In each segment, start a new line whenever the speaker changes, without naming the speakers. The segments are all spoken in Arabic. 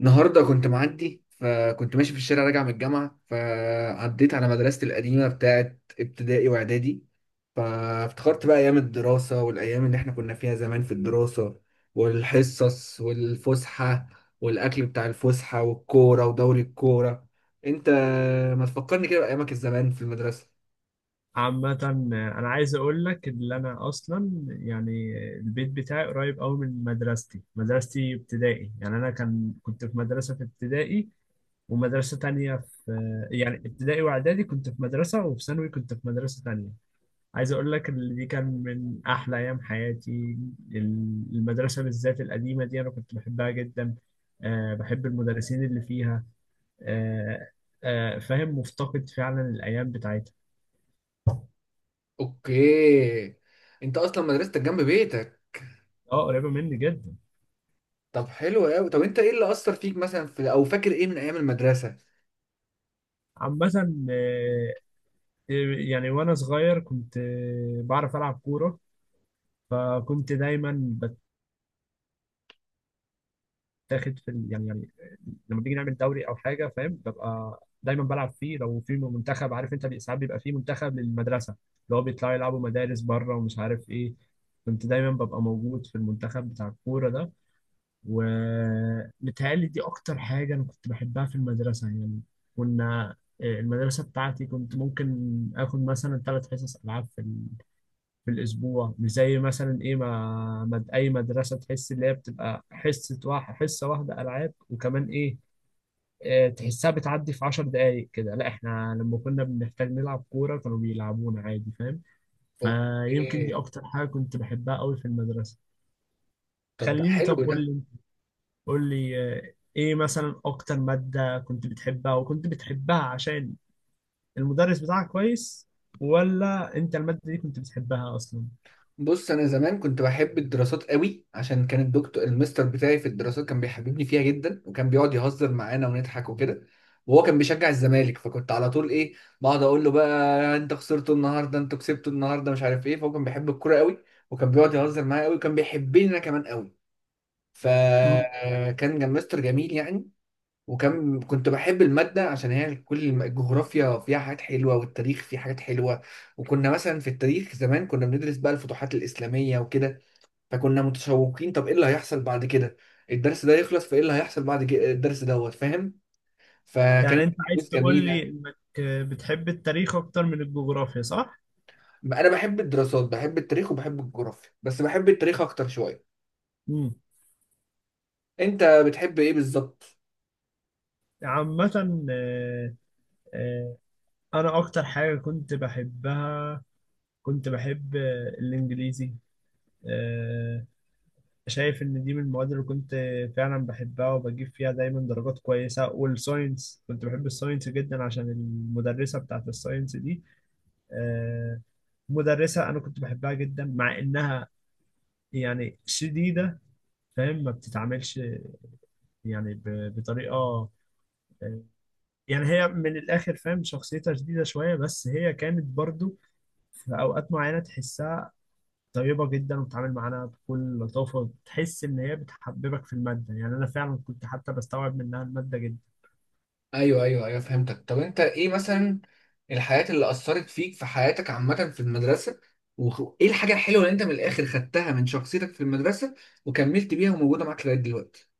النهارده كنت معدي فكنت ماشي في الشارع راجع من الجامعة فعديت على مدرستي القديمة بتاعت ابتدائي وإعدادي. فافتكرت بقى أيام الدراسة والأيام اللي إحنا كنا فيها زمان في الدراسة، والحصص والفسحة، والأكل بتاع الفسحة والكورة ودوري الكورة. أنت ما تفكرني كده بأيامك الزمان في المدرسة.
عامة أنا عايز أقول لك إن أنا أصلا يعني البيت بتاعي قريب أوي من مدرستي، مدرستي ابتدائي، يعني أنا كنت في مدرسة في ابتدائي ومدرسة تانية في يعني ابتدائي وإعدادي كنت في مدرسة، وفي ثانوي كنت في مدرسة تانية. عايز أقول لك إن دي كان من أحلى أيام حياتي. المدرسة بالذات القديمة دي أنا كنت بحبها جدا، أه بحب المدرسين اللي فيها، أه أه فاهم مفتقد فعلا الأيام بتاعتها.
أوكي، أنت أصلا مدرستك جنب بيتك.
أه قريبة مني جدا.
طب حلو أوي، طب أنت إيه اللي أثر فيك مثلا في أو فاكر إيه من أيام المدرسة؟
عامة، آه، يعني وأنا صغير كنت بعرف ألعب كورة، فكنت دايما بتاخد في ال- يعني يعني لما بنيجي نعمل دوري أو حاجة فاهم ببقى دايما بلعب فيه، لو في منتخب عارف أنت ساعات بيبقى فيه منتخب للمدرسة اللي هو بيطلعوا يلعبوا مدارس بره ومش عارف إيه. كنت دايما ببقى موجود في المنتخب بتاع الكورة ده، ومتهيألي دي أكتر حاجة أنا كنت بحبها في المدرسة يعني. كنا المدرسة بتاعتي كنت ممكن آخد مثلا ثلاث حصص ألعاب في الأسبوع، مش زي مثلا إيه ما مد أي مدرسة تحس اللي هي بتبقى حصة واحد حصة واحدة ألعاب، وكمان إيه تحسها بتعدي في عشر دقايق كده. لا إحنا لما كنا بنحتاج نلعب كورة كانوا بيلعبونا عادي فاهم. فيمكن دي
اوكي،
أكتر حاجة كنت بحبها قوي في المدرسة.
طب ده
خليني
حلو
طب قول
ده.
لي قول لي إيه مثلا أكتر مادة كنت بتحبها، وكنت بتحبها عشان المدرس بتاعك كويس، ولا أنت المادة دي كنت بتحبها أصلا؟
بص انا زمان كنت بحب الدراسات قوي عشان كان الدكتور المستر بتاعي في الدراسات كان بيحببني فيها جدا، وكان بيقعد يهزر معانا ونضحك وكده. وهو كان بيشجع الزمالك فكنت على طول ايه، بقعد اقول له بقى انت خسرتوا النهارده انتوا كسبتوا النهارده مش عارف ايه، فهو كان بيحب الكوره قوي، وكان بيقعد يهزر معايا قوي وكان بيحبني انا كمان قوي. فكان مستر جميل يعني. وكان كنت بحب المادة عشان هي كل الجغرافيا فيها حاجات حلوة والتاريخ فيه حاجات حلوة. وكنا مثلا في التاريخ زمان كنا بندرس بقى الفتوحات الإسلامية وكده، فكنا متشوقين طب إيه اللي هيحصل بعد كده الدرس ده يخلص، فإيه اللي هيحصل بعد كده الدرس دوت فاهم. اه،
يعني
فكانت
انت عايز
دروس
تقول لي
جميلة.
انك بتحب التاريخ اكتر من الجغرافيا صح؟
أنا بحب الدراسات، بحب التاريخ وبحب الجغرافيا، بس بحب التاريخ أكتر شوية.
امم
أنت بتحب إيه بالظبط؟
عامة، آه، انا اكتر حاجة كنت بحبها كنت بحب الانجليزي. آه، شايف ان دي من المواد اللي كنت فعلا بحبها وبجيب فيها دايما درجات كويسة، والساينس كنت بحب الساينس جدا عشان المدرسة بتاعت الساينس دي آه، مدرسة انا كنت بحبها جدا، مع انها يعني شديدة فاهم، ما بتتعاملش يعني بطريقه يعني هي من الاخر فاهم شخصيتها شديده شويه، بس هي كانت برضو في اوقات معينه تحسها طيبه جدا وبتتعامل معانا بكل لطافه، تحس ان هي بتحببك في الماده، يعني انا فعلا كنت حتى بستوعب منها الماده جدا.
ايوه ايوه ايوه، فهمتك. طب انت ايه مثلا الحاجات اللي اثرت فيك في حياتك عامه في المدرسه، وايه الحاجه الحلوه اللي انت من الاخر خدتها من شخصيتك في المدرسه وكملت بيها وموجوده معاك لغايه دلوقتي؟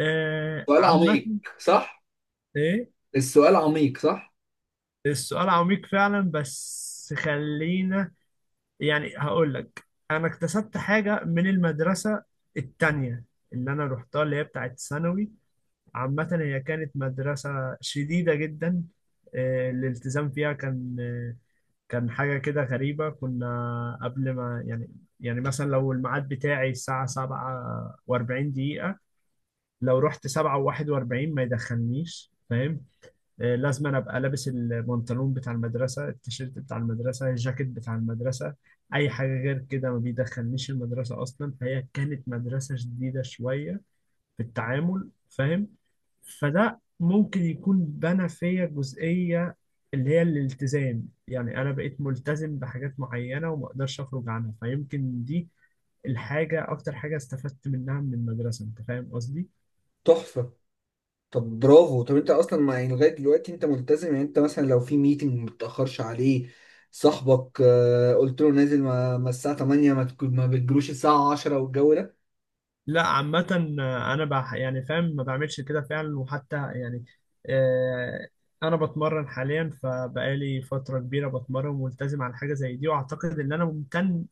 آه
سؤال
عامه.
عميق صح؟
ايه؟
السؤال عميق صح.
السؤال عميق فعلا، بس خلينا يعني هقول لك. انا اكتسبت حاجه من المدرسه التانية اللي انا روحتها اللي هي بتاعت ثانوي. عامة هي كانت مدرسة شديدة جدا، الالتزام فيها كان كان حاجة كده غريبة. كنا قبل ما يعني يعني مثلا لو الميعاد بتاعي الساعة سبعة وأربعين دقيقة، لو رحت سبعة وواحد وأربعين ما يدخلنيش فاهم. لازم أنا أبقى لابس البنطلون بتاع المدرسة، التيشيرت بتاع المدرسة، الجاكيت بتاع المدرسة، أي حاجة غير كده ما بيدخلنيش المدرسة أصلا. فهي كانت مدرسة شديدة شوية في التعامل فاهم. فده ممكن يكون بنى فيا جزئية اللي هي الالتزام، يعني أنا بقيت ملتزم بحاجات معينة وما أقدرش أخرج عنها. فيمكن دي الحاجة أكتر حاجة استفدت منها من المدرسة، أنت فاهم قصدي؟
تحفة. طب برافو، طب انت اصلا ما يعني لغايه دلوقتي انت ملتزم، يعني انت مثلا لو في ميتنج ما بتاخرش عليه صاحبك. قلت له نازل ما الساعه 8، ما بتجروش الساعه 10 والجو ده.
لا عامة أنا بح يعني فاهم ما بعملش كده فعلا، وحتى يعني آه أنا بتمرن حاليا، فبقالي فترة كبيرة بتمرن وملتزم على حاجة زي دي، وأعتقد إن أنا ممتن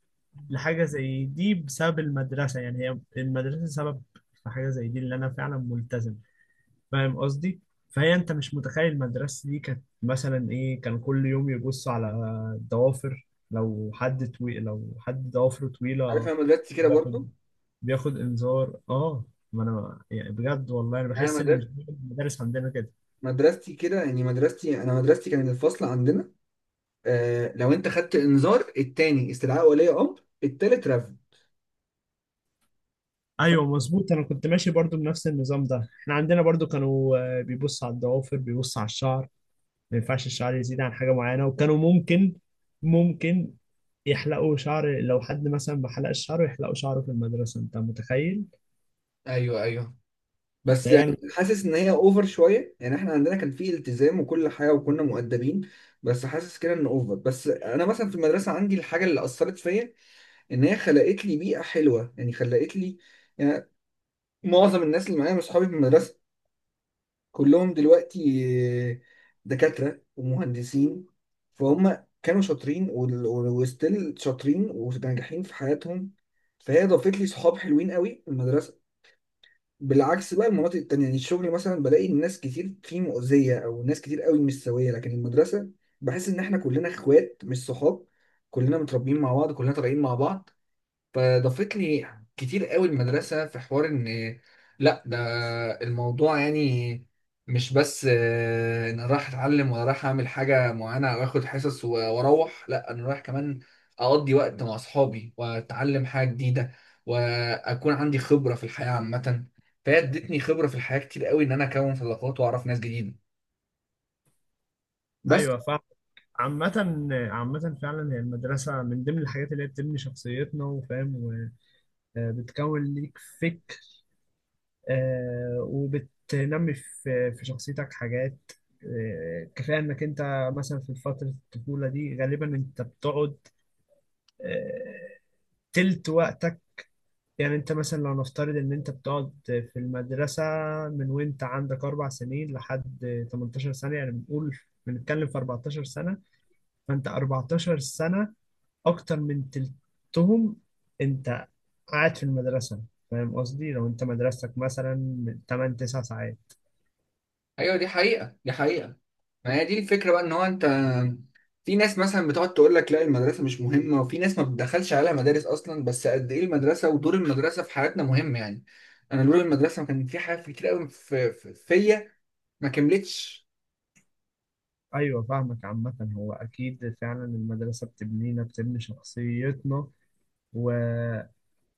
لحاجة زي دي بسبب المدرسة. يعني هي المدرسة سبب في حاجة زي دي اللي أنا فعلا ملتزم، فاهم قصدي؟ فهي أنت مش متخيل المدرسة دي كانت مثلا إيه. كان كل يوم يبصوا على الضوافر، لو حد طويل لو حد ضوافره
عارف
طويلة
انا مدرستي كده برضو،
بياخد بياخد إنذار آه. ما أنا يعني بجد والله أنا
يعني
بحس إن
انا
مش دايما المدارس عندنا كده.
مدرستي كده، يعني مدرستي انا مدرستي كان الفصل عندنا آه لو انت خدت انذار، التاني استدعاء ولي امر، التالت رفض. ف-
ايوه مظبوط، انا كنت ماشي برضو بنفس النظام ده. احنا عندنا برضو كانوا بيبصوا على الضوافر، بيبصوا على الشعر، ما ينفعش الشعر يزيد عن حاجة معينة، وكانوا ممكن يحلقوا شعر لو حد مثلا ما حلقش شعره يحلقوا شعره في المدرسة، انت متخيل؟
ايوه ايوه، بس يعني
هي
حاسس ان هي اوفر شويه، يعني احنا عندنا كان فيه التزام وكل حاجه وكنا مؤدبين، بس حاسس كده ان اوفر. بس انا مثلا في المدرسه عندي الحاجه اللي اثرت فيا ان هي خلقت لي بيئه حلوه، يعني خلقت لي يعني معظم الناس اللي معايا من اصحابي في المدرسه كلهم دلوقتي آه، دكاترة ومهندسين، فهم كانوا شاطرين وستيل شاطرين وناجحين في حياتهم. فهي ضافت لي صحاب حلوين قوي في المدرسة. بالعكس بقى المناطق التانية يعني الشغل مثلا بلاقي ناس كتير فيه مؤذية أو ناس كتير قوي مش سوية، لكن المدرسة بحس إن إحنا كلنا إخوات مش صحاب، كلنا متربيين مع بعض كلنا طالعين مع بعض. فضافت لي كتير قوي المدرسة في حوار ان لا، ده الموضوع يعني مش بس ان أنا رايح اتعلم ولا رايح اعمل حاجة معينة او اخد حصص واروح. لا انا رايح كمان اقضي وقت مع اصحابي واتعلم حاجة جديدة واكون عندي خبرة في الحياة عامة. فهي ادتني خبرة في الحياة كتير قوي ان انا اكون صداقات واعرف ناس جديدة بس.
ايوه فاهم. عامة عامة فعلا هي المدرسة من ضمن الحاجات اللي هي بتبني شخصيتنا وفاهم، وبتكون ليك فكر، وبتنمي في شخصيتك حاجات كفاية انك انت مثلا في فترة الطفولة دي غالبا انت بتقعد آه، تلت وقتك. يعني انت مثلا لو نفترض ان انت بتقعد في المدرسة من وانت عندك اربع سنين لحد 18 سنة، يعني بنقول بنتكلم في 14 سنة، فانت 14 سنة اكتر من تلتهم انت قاعد في المدرسة، فاهم قصدي؟ لو انت مدرستك مثلا من 8 9 ساعات.
ايوه دي حقيقة دي حقيقة. ما هي دي الفكرة بقى ان هو انت في ناس مثلا بتقعد تقول لك لا المدرسة مش مهمة، وفي ناس ما بتدخلش عليها مدارس اصلا، بس قد ايه المدرسة ودور المدرسة في حياتنا مهم يعني. انا دور المدرسة كان في حاجات كتير قوي فيا ما كملتش.
ايوه فاهمك. عامة هو اكيد فعلا المدرسة بتبنينا بتبني شخصيتنا، و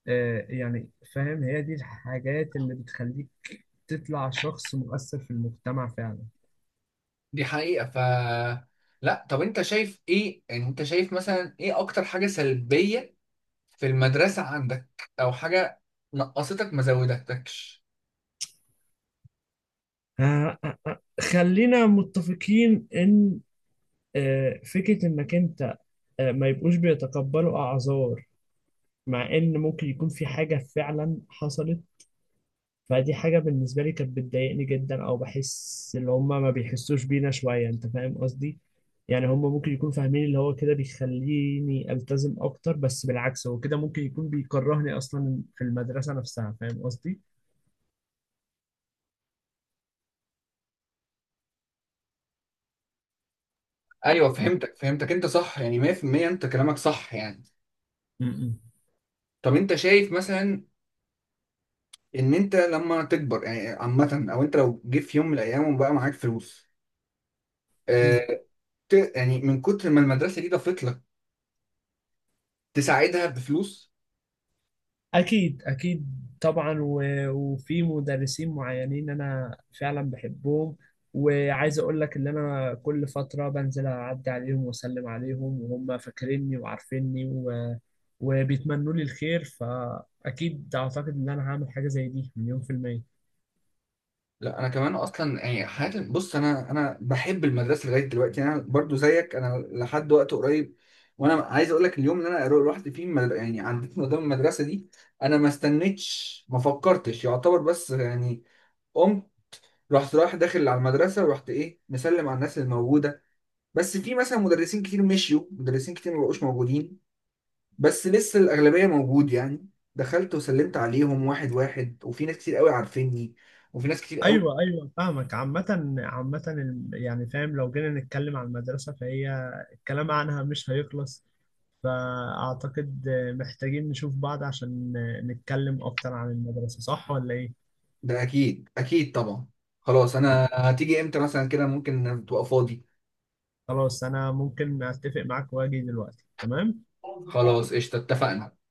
يعني فاهم هي دي الحاجات اللي بتخليك تطلع شخص مؤثر في المجتمع فعلا.
دي حقيقة. ف لا طب انت شايف ايه، يعني انت شايف مثلا ايه اكتر حاجة سلبية في المدرسة عندك، او حاجة نقصتك ما زودتكش؟
خلينا متفقين ان فكرة انك انت ما يبقوش بيتقبلوا اعذار، مع ان ممكن يكون في حاجة فعلا حصلت، فدي حاجة بالنسبة لي كانت بتضايقني جدا، او بحس ان هما ما بيحسوش بينا شوية، انت فاهم قصدي؟ يعني هما ممكن يكونوا فاهمين اللي هو كده بيخليني التزم اكتر، بس بالعكس هو كده ممكن يكون بيكرهني اصلا في المدرسة نفسها، فاهم قصدي؟
ايوه فهمتك فهمتك، انت صح يعني 100% انت كلامك صح يعني.
م- م.
طب انت شايف مثلا ان انت لما تكبر يعني عامه، او انت لو جه في يوم من الايام وبقى معاك فلوس،
م.
آه، يعني من كتر ما المدرسه دي ضافت لك، تساعدها بفلوس؟
أكيد أكيد طبعا، و- وفي مدرسين معينين أنا فعلا بحبهم، وعايز أقول لك إن أنا كل فترة بنزل أعدي عليهم وأسلم عليهم وهم فاكريني وعارفيني، و... وبيتمنوا لي الخير، فأكيد أعتقد إن أنا هعمل حاجة زي دي مليون في المية.
لا انا كمان اصلا يعني حياتي، بص انا انا بحب المدرسه لغايه دلوقتي، يعني انا برضو زيك. انا لحد وقت قريب وانا عايز اقول لك اليوم اللي انا رحت فيه يعني عديت من قدام المدرسه دي، انا ما استنيتش ما فكرتش يعتبر، بس يعني قمت رحت رايح داخل على المدرسه، ورحت ايه مسلم على الناس الموجوده. بس في مثلا مدرسين كتير مشيوا، مدرسين كتير مبقوش موجودين، بس لسه الأغلبية موجود يعني. دخلت وسلمت عليهم واحد واحد، وفي ناس كتير قوي عارفيني، وفي ناس كتير قوي.
أيوه أيوه فاهمك. عامة عامة يعني فاهم لو جينا نتكلم عن المدرسة فهي الكلام عنها مش هيخلص، فأعتقد محتاجين نشوف بعض عشان نتكلم أكتر عن المدرسة، صح ولا إيه؟
ده أكيد أكيد طبعا. خلاص، أنا هتيجي إمتى مثلا كده ممكن تبقى فاضي؟
خلاص أنا ممكن أتفق معاك وأجي دلوقتي تمام؟
خلاص قشطة اتفقنا.